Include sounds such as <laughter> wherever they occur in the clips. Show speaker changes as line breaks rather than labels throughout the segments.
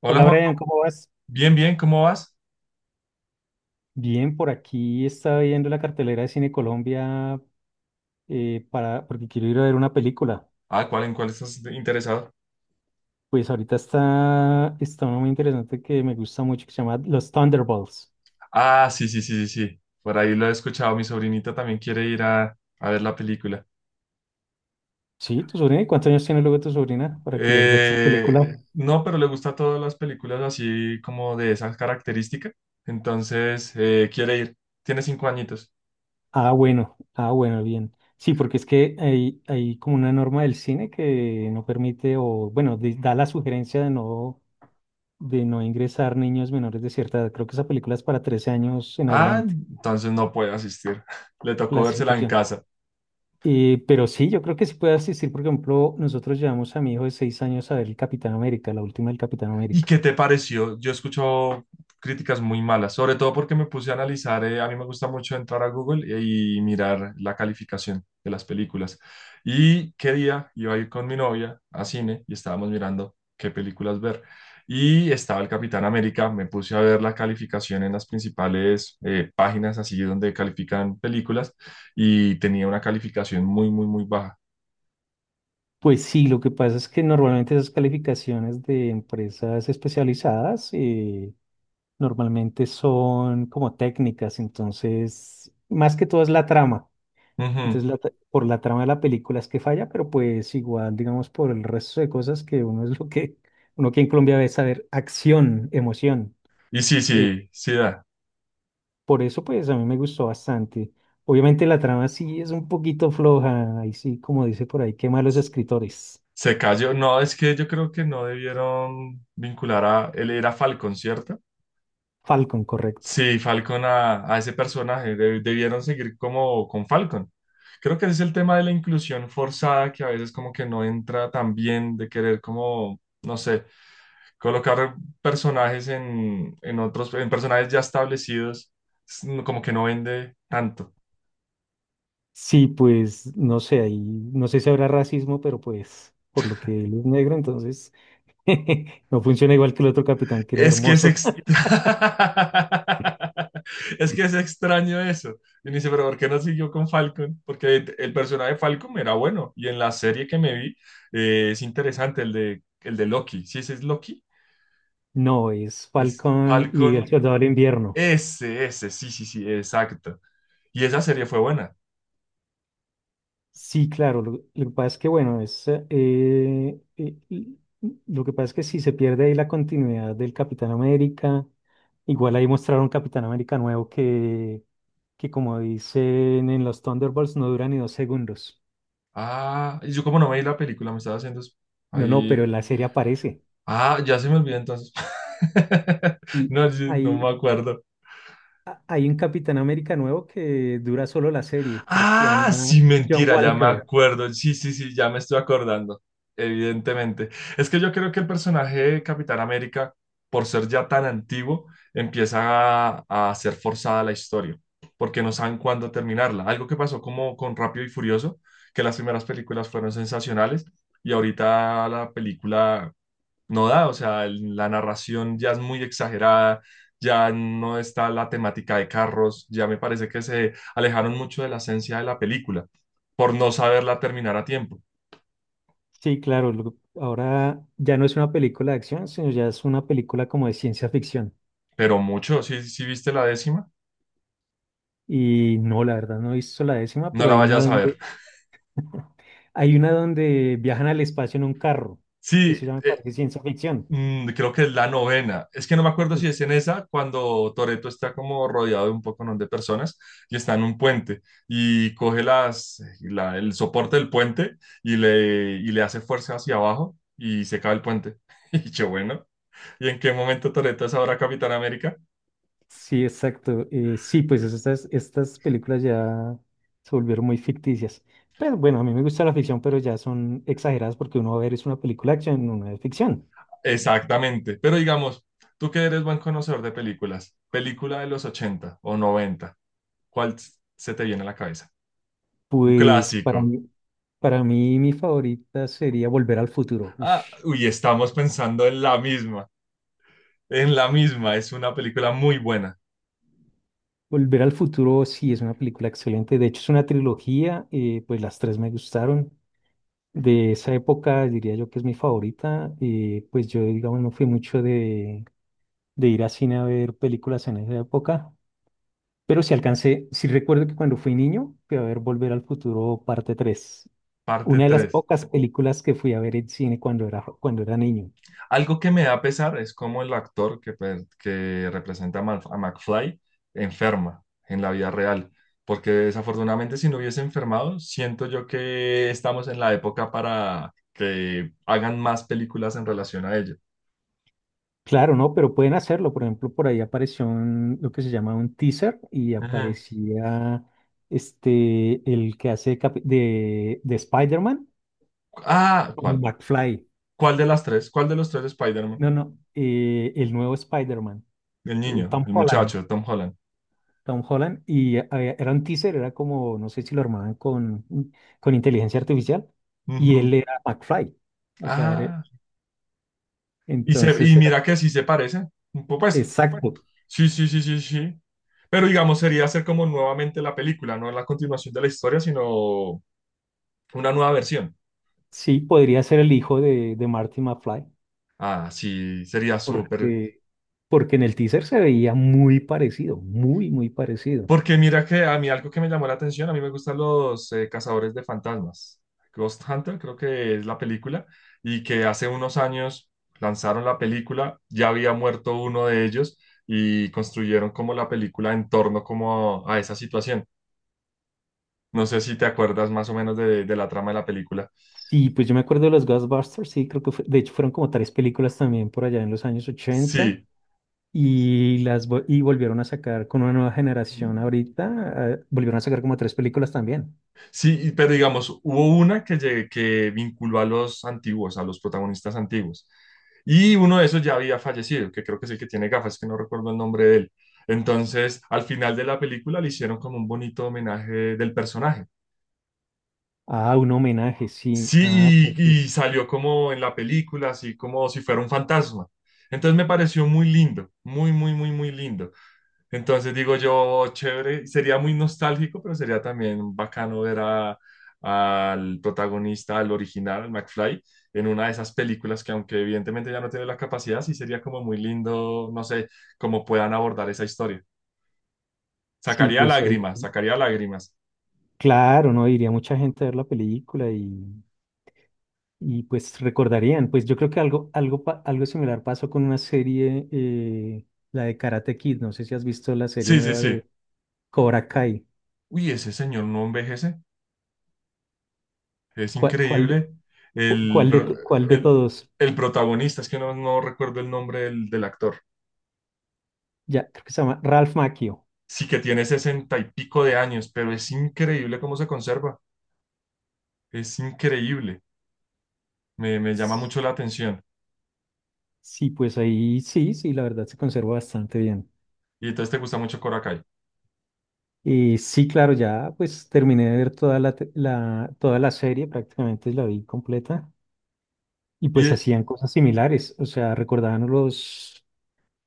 Hola
Hola
Juan,
Brian, ¿cómo vas?
bien, bien, ¿cómo vas?
Bien, por aquí estaba viendo la cartelera de Cine Colombia porque quiero ir a ver una película.
Ah, ¿cuál en cuál estás interesado?
Pues ahorita está una muy interesante que me gusta mucho que se llama Los Thunderbolts.
Ah, sí, sí, sí, sí, sí. Por ahí lo he escuchado. Mi sobrinita también quiere ir a ver la película.
¿Sí? ¿Tu sobrina? ¿Y, cuántos años tiene luego tu sobrina para querer ver esa
Eh,
película?
no, pero le gusta todas las películas así como de esas características. Entonces, quiere ir. Tiene 5 añitos.
Ah, bueno, ah, bueno, bien. Sí, porque es que hay como una norma del cine que no permite, o bueno, da la sugerencia de no ingresar niños menores de cierta edad. Creo que esa película es para 13 años en
Ah,
adelante,
entonces no puede asistir. <laughs> Le tocó vérsela en
clasificación.
casa.
Pero sí, yo creo que sí puede asistir. Por ejemplo, nosotros llevamos a mi hijo de 6 años a ver el Capitán América, la última del Capitán
¿Y
América.
qué te pareció? Yo escucho críticas muy malas, sobre todo porque me puse a analizar. A mí me gusta mucho entrar a Google y mirar la calificación de las películas. Y qué día iba a ir con mi novia a cine y estábamos mirando qué películas ver. Y estaba el Capitán América, me puse a ver la calificación en las principales páginas así donde califican películas, y tenía una calificación muy, muy, muy baja.
Pues sí, lo que pasa es que normalmente esas calificaciones de empresas especializadas normalmente son como técnicas, entonces más que todo es la trama.
Ujú.
Entonces, por la trama de la película es que falla, pero pues igual, digamos, por el resto de cosas que uno es lo que, uno aquí en Colombia ve saber acción, emoción.
Y sí, sí, sí da.
Por eso, pues, a mí me gustó bastante. Obviamente la trama sí es un poquito floja, ahí sí, como dice por ahí, qué malos escritores.
Se cayó. No, es que yo creo que no debieron vincular a... Él era Falcon, ¿cierto?
Falcon, correcto.
Sí, Falcon a ese personaje. Debieron seguir como con Falcon. Creo que ese es el tema de la inclusión forzada que a veces como que no entra tan bien de querer como, no sé, colocar personajes en otros, en personajes ya establecidos, es como que no vende tanto.
Sí, pues, no sé, ahí, no sé si habrá racismo, pero pues, por lo que él es negro, entonces, <laughs> no funciona igual que el otro capitán, que era
Es que es
hermoso. <laughs>
extra... <laughs> Es que es extraño eso. Y uno dice, pero ¿por qué no siguió con Falcon? Porque el personaje de Falcon era bueno. Y en la serie que me vi, es interesante, el de Loki. Sí, ese es Loki,
No, es
es
Falcon y el
Falcon,
Soldado del Invierno.
ese, sí, sí, sí, exacto. Y esa serie fue buena.
Sí, claro. Lo que pasa es que, bueno, lo que pasa es que si se pierde ahí la continuidad del Capitán América, igual ahí mostraron un Capitán América nuevo que como dicen en los Thunderbolts, no dura ni 2 segundos.
Ah, y yo como no me vi la película, me estaba haciendo
No, no, pero
ahí.
en la serie aparece.
Ah, ya se me olvidó entonces. <laughs>
Y
No, yo no me
hay,
acuerdo.
hay un Capitán América nuevo que dura solo la serie, creo que se
Ah,
llama
sí,
John
mentira, ya me
Walker.
acuerdo. Sí, sí, sí, ya me estoy acordando. Evidentemente. Es que yo creo que el personaje de Capitán América, por ser ya tan antiguo, empieza a ser forzada la historia, porque no saben cuándo terminarla. Algo que pasó como con Rápido y Furioso, que las primeras películas fueron sensacionales y ahorita la película no da. O sea, la narración ya es muy exagerada, ya no está la temática de carros, ya me parece que se alejaron mucho de la esencia de la película por no saberla terminar a tiempo,
Sí, claro. Ahora ya no es una película de acción, sino ya es una película como de ciencia ficción.
pero mucho. Si viste la décima,
Y no, la verdad no he visto la décima,
no
pero
la
hay una
vayas a
donde,
ver.
hay una donde viajan al espacio en un carro.
Sí,
Eso ya me
e-
parece ciencia ficción.
Mm, creo que es la novena. Es que no me acuerdo si
Es-
es en esa, cuando Toreto está como rodeado de un poco, ¿no?, de personas, y está en un puente y coge el soporte del puente, y le hace fuerza hacia abajo y se cae el puente. <laughs> Y yo, bueno, ¿y en qué momento Toreto es ahora Capitán América?
sí, exacto. Sí, pues estas películas ya se volvieron muy ficticias. Pero bueno, a mí me gusta la ficción, pero ya son exageradas porque uno va a ver es una película de acción, una de ficción.
Exactamente. Pero digamos, tú que eres buen conocedor de películas, película de los 80 o noventa, ¿cuál se te viene a la cabeza? Un
Pues para
clásico.
mí, para mí mi favorita sería Volver al Futuro. Uf,
Ah, uy, estamos pensando en la misma, es una película muy buena,
Volver al futuro sí es una película excelente. De hecho, es una trilogía, pues las tres me gustaron. De esa época diría yo que es mi favorita. Pues yo, digamos, no fui mucho de ir a cine a ver películas en esa época. Pero sí alcancé, sí recuerdo que cuando fui niño fui a ver Volver al Futuro parte 3.
parte
Una de las
tres.
pocas películas que fui a ver en cine cuando era niño.
Algo que me da pesar es cómo el actor que representa a McFly enferma en la vida real, porque desafortunadamente si no hubiese enfermado, siento yo que estamos en la época para que hagan más películas en relación a ello.
Claro, no, pero pueden hacerlo. Por ejemplo, por ahí apareció lo que se llama un teaser y
Ujú.
aparecía este, el que hace de Spider-Man,
Ah,
como
¿cuál?
McFly.
¿Cuál de las tres? ¿Cuál de los tres de Spider-Man?
No, no, el nuevo Spider-Man,
El niño,
Tom
el
Holland.
muchacho, Tom Holland.
Tom Holland, y era un teaser, era como, no sé si lo armaban con, inteligencia artificial, y él
Ujú.
era McFly. O sea,
Ah. Y
entonces
mira que sí se parece. Pues
exacto.
sí, sí, sí, sí, sí. Pero digamos, sería hacer como nuevamente la película, no la continuación de la historia, sino una nueva versión.
Sí, podría ser el hijo de Marty McFly.
Ah, sí, sería súper.
Porque, porque en el teaser se veía muy parecido, muy, muy parecido.
Porque mira que a mí algo que me llamó la atención, a mí me gustan los cazadores de fantasmas. Ghost Hunter creo que es la película, y que hace unos años lanzaron la película, ya había muerto uno de ellos y construyeron como la película en torno como a esa situación. No sé si te acuerdas más o menos de la trama de la película.
Sí, pues yo me acuerdo de los Ghostbusters, sí, creo que de hecho fueron como tres películas también por allá en los años ochenta
Sí,
y volvieron a sacar con una nueva generación ahorita, volvieron a sacar como tres películas también.
sí, pero digamos, hubo una que vinculó a los antiguos, a los protagonistas antiguos. Y uno de esos ya había fallecido, que creo que es el que tiene gafas, que no recuerdo el nombre de él. Entonces, al final de la película le hicieron como un bonito homenaje del personaje.
Ah, un homenaje, sí. Ah,
Sí,
pues
y,
sí,
y salió como en la película, así como si fuera un fantasma. Entonces me pareció muy lindo, muy, muy, muy, muy lindo. Entonces digo yo, chévere, sería muy nostálgico, pero sería también bacano ver al protagonista, al original, al McFly, en una de esas películas, que aunque evidentemente ya no tiene la capacidad, sí sería como muy lindo, no sé, cómo puedan abordar esa historia.
sí,
Sacaría
pues
lágrimas, sacaría lágrimas.
claro, no iría mucha gente a ver la película y pues recordarían, pues yo creo que algo similar pasó con una serie, la de Karate Kid, no sé si has visto la serie
Sí, sí,
nueva
sí.
de Cobra Kai.
Uy, ese señor no envejece, es
¿Cuál, cuál, de-
increíble.
cu-
El,
cuál de,
pro-
to- cuál de
el,
todos?
el protagonista, es que no recuerdo el nombre del actor.
Ya, creo que se llama Ralph Macchio.
Sí, que tiene 60 y pico de años, pero es increíble cómo se conserva. Es increíble. Me llama
S-
mucho la atención.
Sí, pues ahí sí, sí, la verdad se conserva bastante bien.
Y entonces te gusta mucho Korakai.
Y sí, claro, ya pues terminé de ver toda la serie, prácticamente la vi completa. Y
Y
pues hacían cosas similares, o sea, recordaban los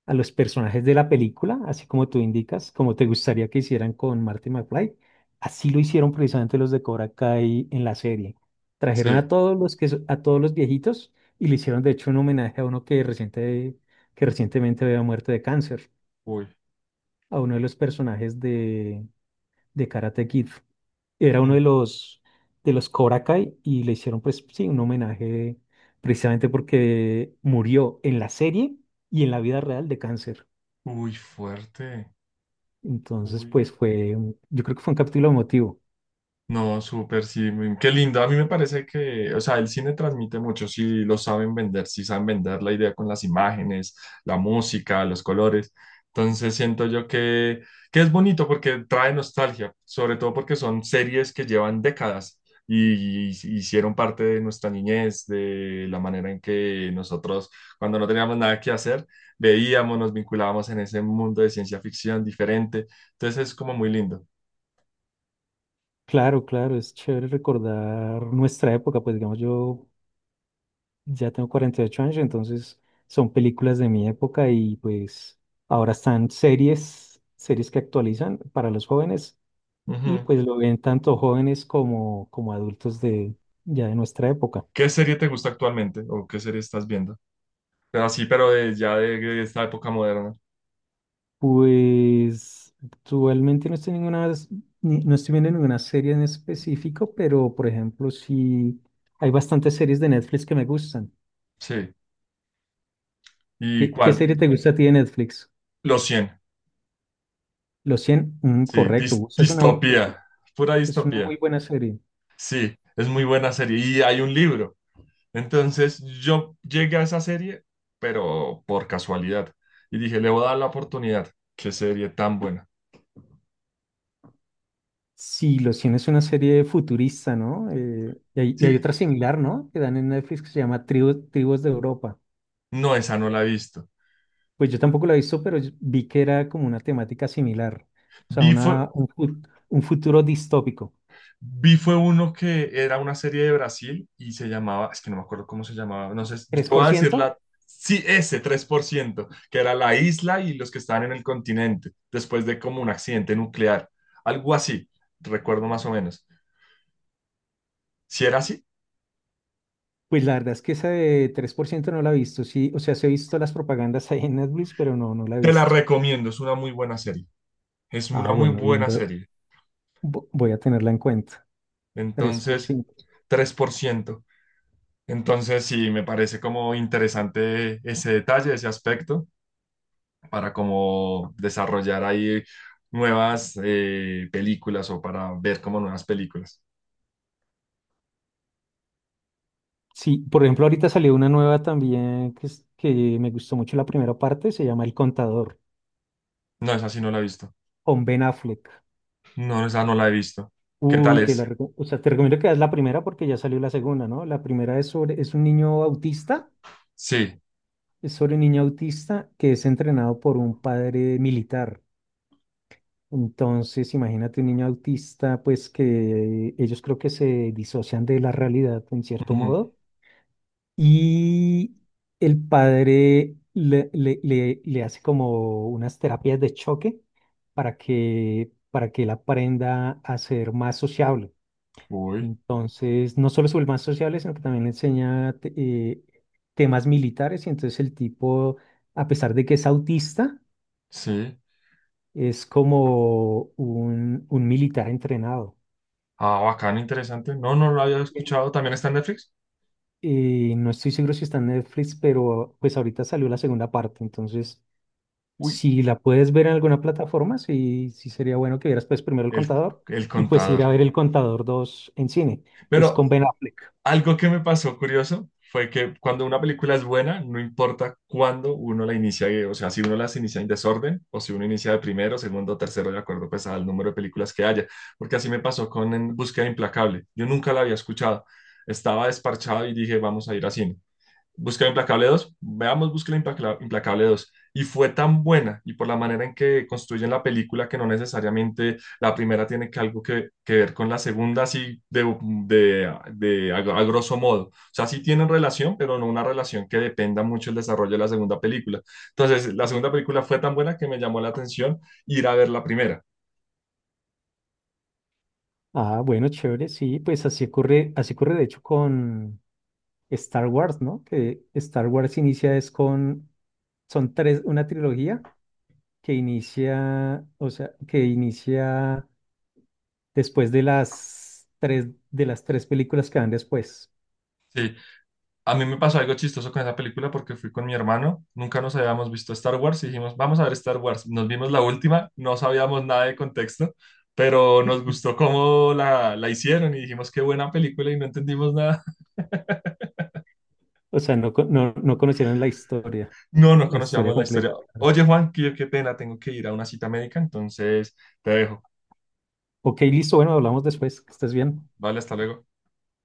a los personajes de la película, así como tú indicas, como te gustaría que hicieran con Marty McFly. Así lo hicieron precisamente los de Cobra Kai en la serie. Trajeron
sí,
a todos los que a todos los viejitos y le hicieron de hecho un homenaje a uno que que recientemente había muerto de cáncer,
uy,
a uno de los personajes de Karate Kid. Era uno
mm,
de los Cobra Kai y le hicieron pues sí un homenaje precisamente porque murió en la serie y en la vida real de cáncer.
uy, fuerte.
Entonces,
Uy.
pues fue, yo creo que fue un capítulo emotivo.
No, súper, sí. Qué lindo. A mí me parece que, o sea, el cine transmite mucho si lo saben vender, si saben vender la idea con las imágenes, la música, los colores. Entonces siento yo que es bonito porque trae nostalgia, sobre todo porque son series que llevan décadas y hicieron parte de nuestra niñez, de la manera en que nosotros, cuando no teníamos nada que hacer, veíamos, nos vinculábamos en ese mundo de ciencia ficción diferente. Entonces es como muy lindo.
Claro, claro, es chévere recordar nuestra época, pues digamos yo ya tengo 48 años, entonces son películas de mi época y pues ahora están series que actualizan para los jóvenes y pues lo ven tanto jóvenes como adultos de ya de nuestra época.
¿Qué serie te gusta actualmente o qué serie estás viendo? Pero sí, pero ya de esta época moderna.
Pues actualmente no estoy ninguna, no estoy viendo ninguna serie en específico, pero por ejemplo, sí hay bastantes series de Netflix que me gustan.
Sí. ¿Y
¿Qué
cuál?
serie te gusta a ti de Netflix?
Los cien.
Los 100, mm,
Sí.
correcto, o sea, es una, bu- es,
Distopía. Pura
es una
distopía.
muy buena serie.
Sí. Es muy buena serie. Y hay un libro. Entonces yo llegué a esa serie, pero por casualidad. Y dije, le voy a dar la oportunidad. Qué serie tan buena.
Sí, Los cien es una serie futurista, ¿no? Y hay
Sí.
otra similar, ¿no? Que dan en Netflix que se llama Tribus de Europa.
No, esa no la he visto.
Pues yo tampoco la he visto, pero yo vi que era como una temática similar, o sea,
Vi fue
un futuro distópico.
Vi fue uno que era una serie de Brasil y se llamaba, es que no me acuerdo cómo se llamaba, no sé, yo te
Tres
voy
por
a decir
ciento.
la, sí, ese 3%, que era la isla y los que estaban en el continente, después de como un accidente nuclear, algo así, recuerdo más o menos. Si era así,
Pues la verdad es que esa de tres por ciento no la he visto, sí, o sea, sí he visto las propagandas <laughs> ahí en Netflix, pero no, no la he
te la
visto.
recomiendo, es una muy buena serie, es
Ah,
una muy
bueno, bien,
buena
voy,
serie.
voy a tenerla en cuenta, Tres por
Entonces,
ciento.
3%. Entonces, sí, me parece como interesante ese detalle, ese aspecto, para como desarrollar ahí nuevas películas o para ver como nuevas películas.
Sí, por ejemplo, ahorita salió una nueva también que me gustó mucho la primera parte, se llama El Contador,
No, esa sí no la he visto.
con Ben Affleck.
No, esa no la he visto. ¿Qué tal
Uy,
es?
o sea, te recomiendo que veas la primera porque ya salió la segunda, ¿no? La primera es sobre, es un niño autista,
Sí.
es sobre un niño autista que es entrenado por un padre militar. Entonces, imagínate un niño autista, pues que ellos creo que se disocian de la realidad en cierto
Ujú.
modo y el padre le hace como unas terapias de choque para que él aprenda a ser más sociable.
Uy,
Entonces, no solo sobre más sociable, sino que también le enseña temas militares y entonces el tipo, a pesar de que es autista,
sí.
es como un militar entrenado.
Ah, bacano, interesante. No, no lo había
Bien.
escuchado. ¿También está en Netflix?
No estoy seguro si está en Netflix, pero pues ahorita salió la segunda parte, entonces
Uy,
si la puedes ver en alguna plataforma, sí, sí sería bueno que vieras pues primero El
el,
Contador
el
y pues ir
contador.
a ver El Contador 2 en cine. Es
Pero
con Ben Affleck.
Algo que me pasó curioso fue que cuando una película es buena, no importa cuándo uno la inicia. O sea, si uno las inicia en desorden o si uno inicia de primero, segundo, tercero, de acuerdo pues al número de películas que haya, porque así me pasó con En Búsqueda Implacable. Yo nunca la había escuchado. Estaba desparchado y dije, vamos a ir a cine. Busca Implacable 2, veamos Implacable dos. Y fue tan buena, y por la manera en que construyen la película, que no necesariamente la primera tiene que algo que ver con la segunda, así a grosso modo. O sea, sí tienen relación, pero no una relación que dependa mucho el desarrollo de la segunda película. Entonces, la segunda película fue tan buena que me llamó la atención ir a ver la primera.
Ah, bueno, chévere, sí, pues así ocurre de hecho con Star Wars, ¿no? Que Star Wars inicia es con, son tres, una trilogía que inicia, o sea, que inicia después de las tres, películas que van después.
Sí, a mí me pasó algo chistoso con esa película porque fui con mi hermano, nunca nos habíamos visto Star Wars y dijimos, vamos a ver Star Wars. Nos vimos la última, no sabíamos nada de contexto, pero nos
<clears throat>
gustó cómo la hicieron y dijimos, qué buena película, y no entendimos nada. <laughs>
O sea, no, no, no conocieron
No, no
la historia
conocíamos la historia.
completa.
Oye, Juan, qué pena, tengo que ir a una cita médica, entonces te dejo.
Ok, listo, bueno, hablamos después, que estés bien.
Vale, hasta luego.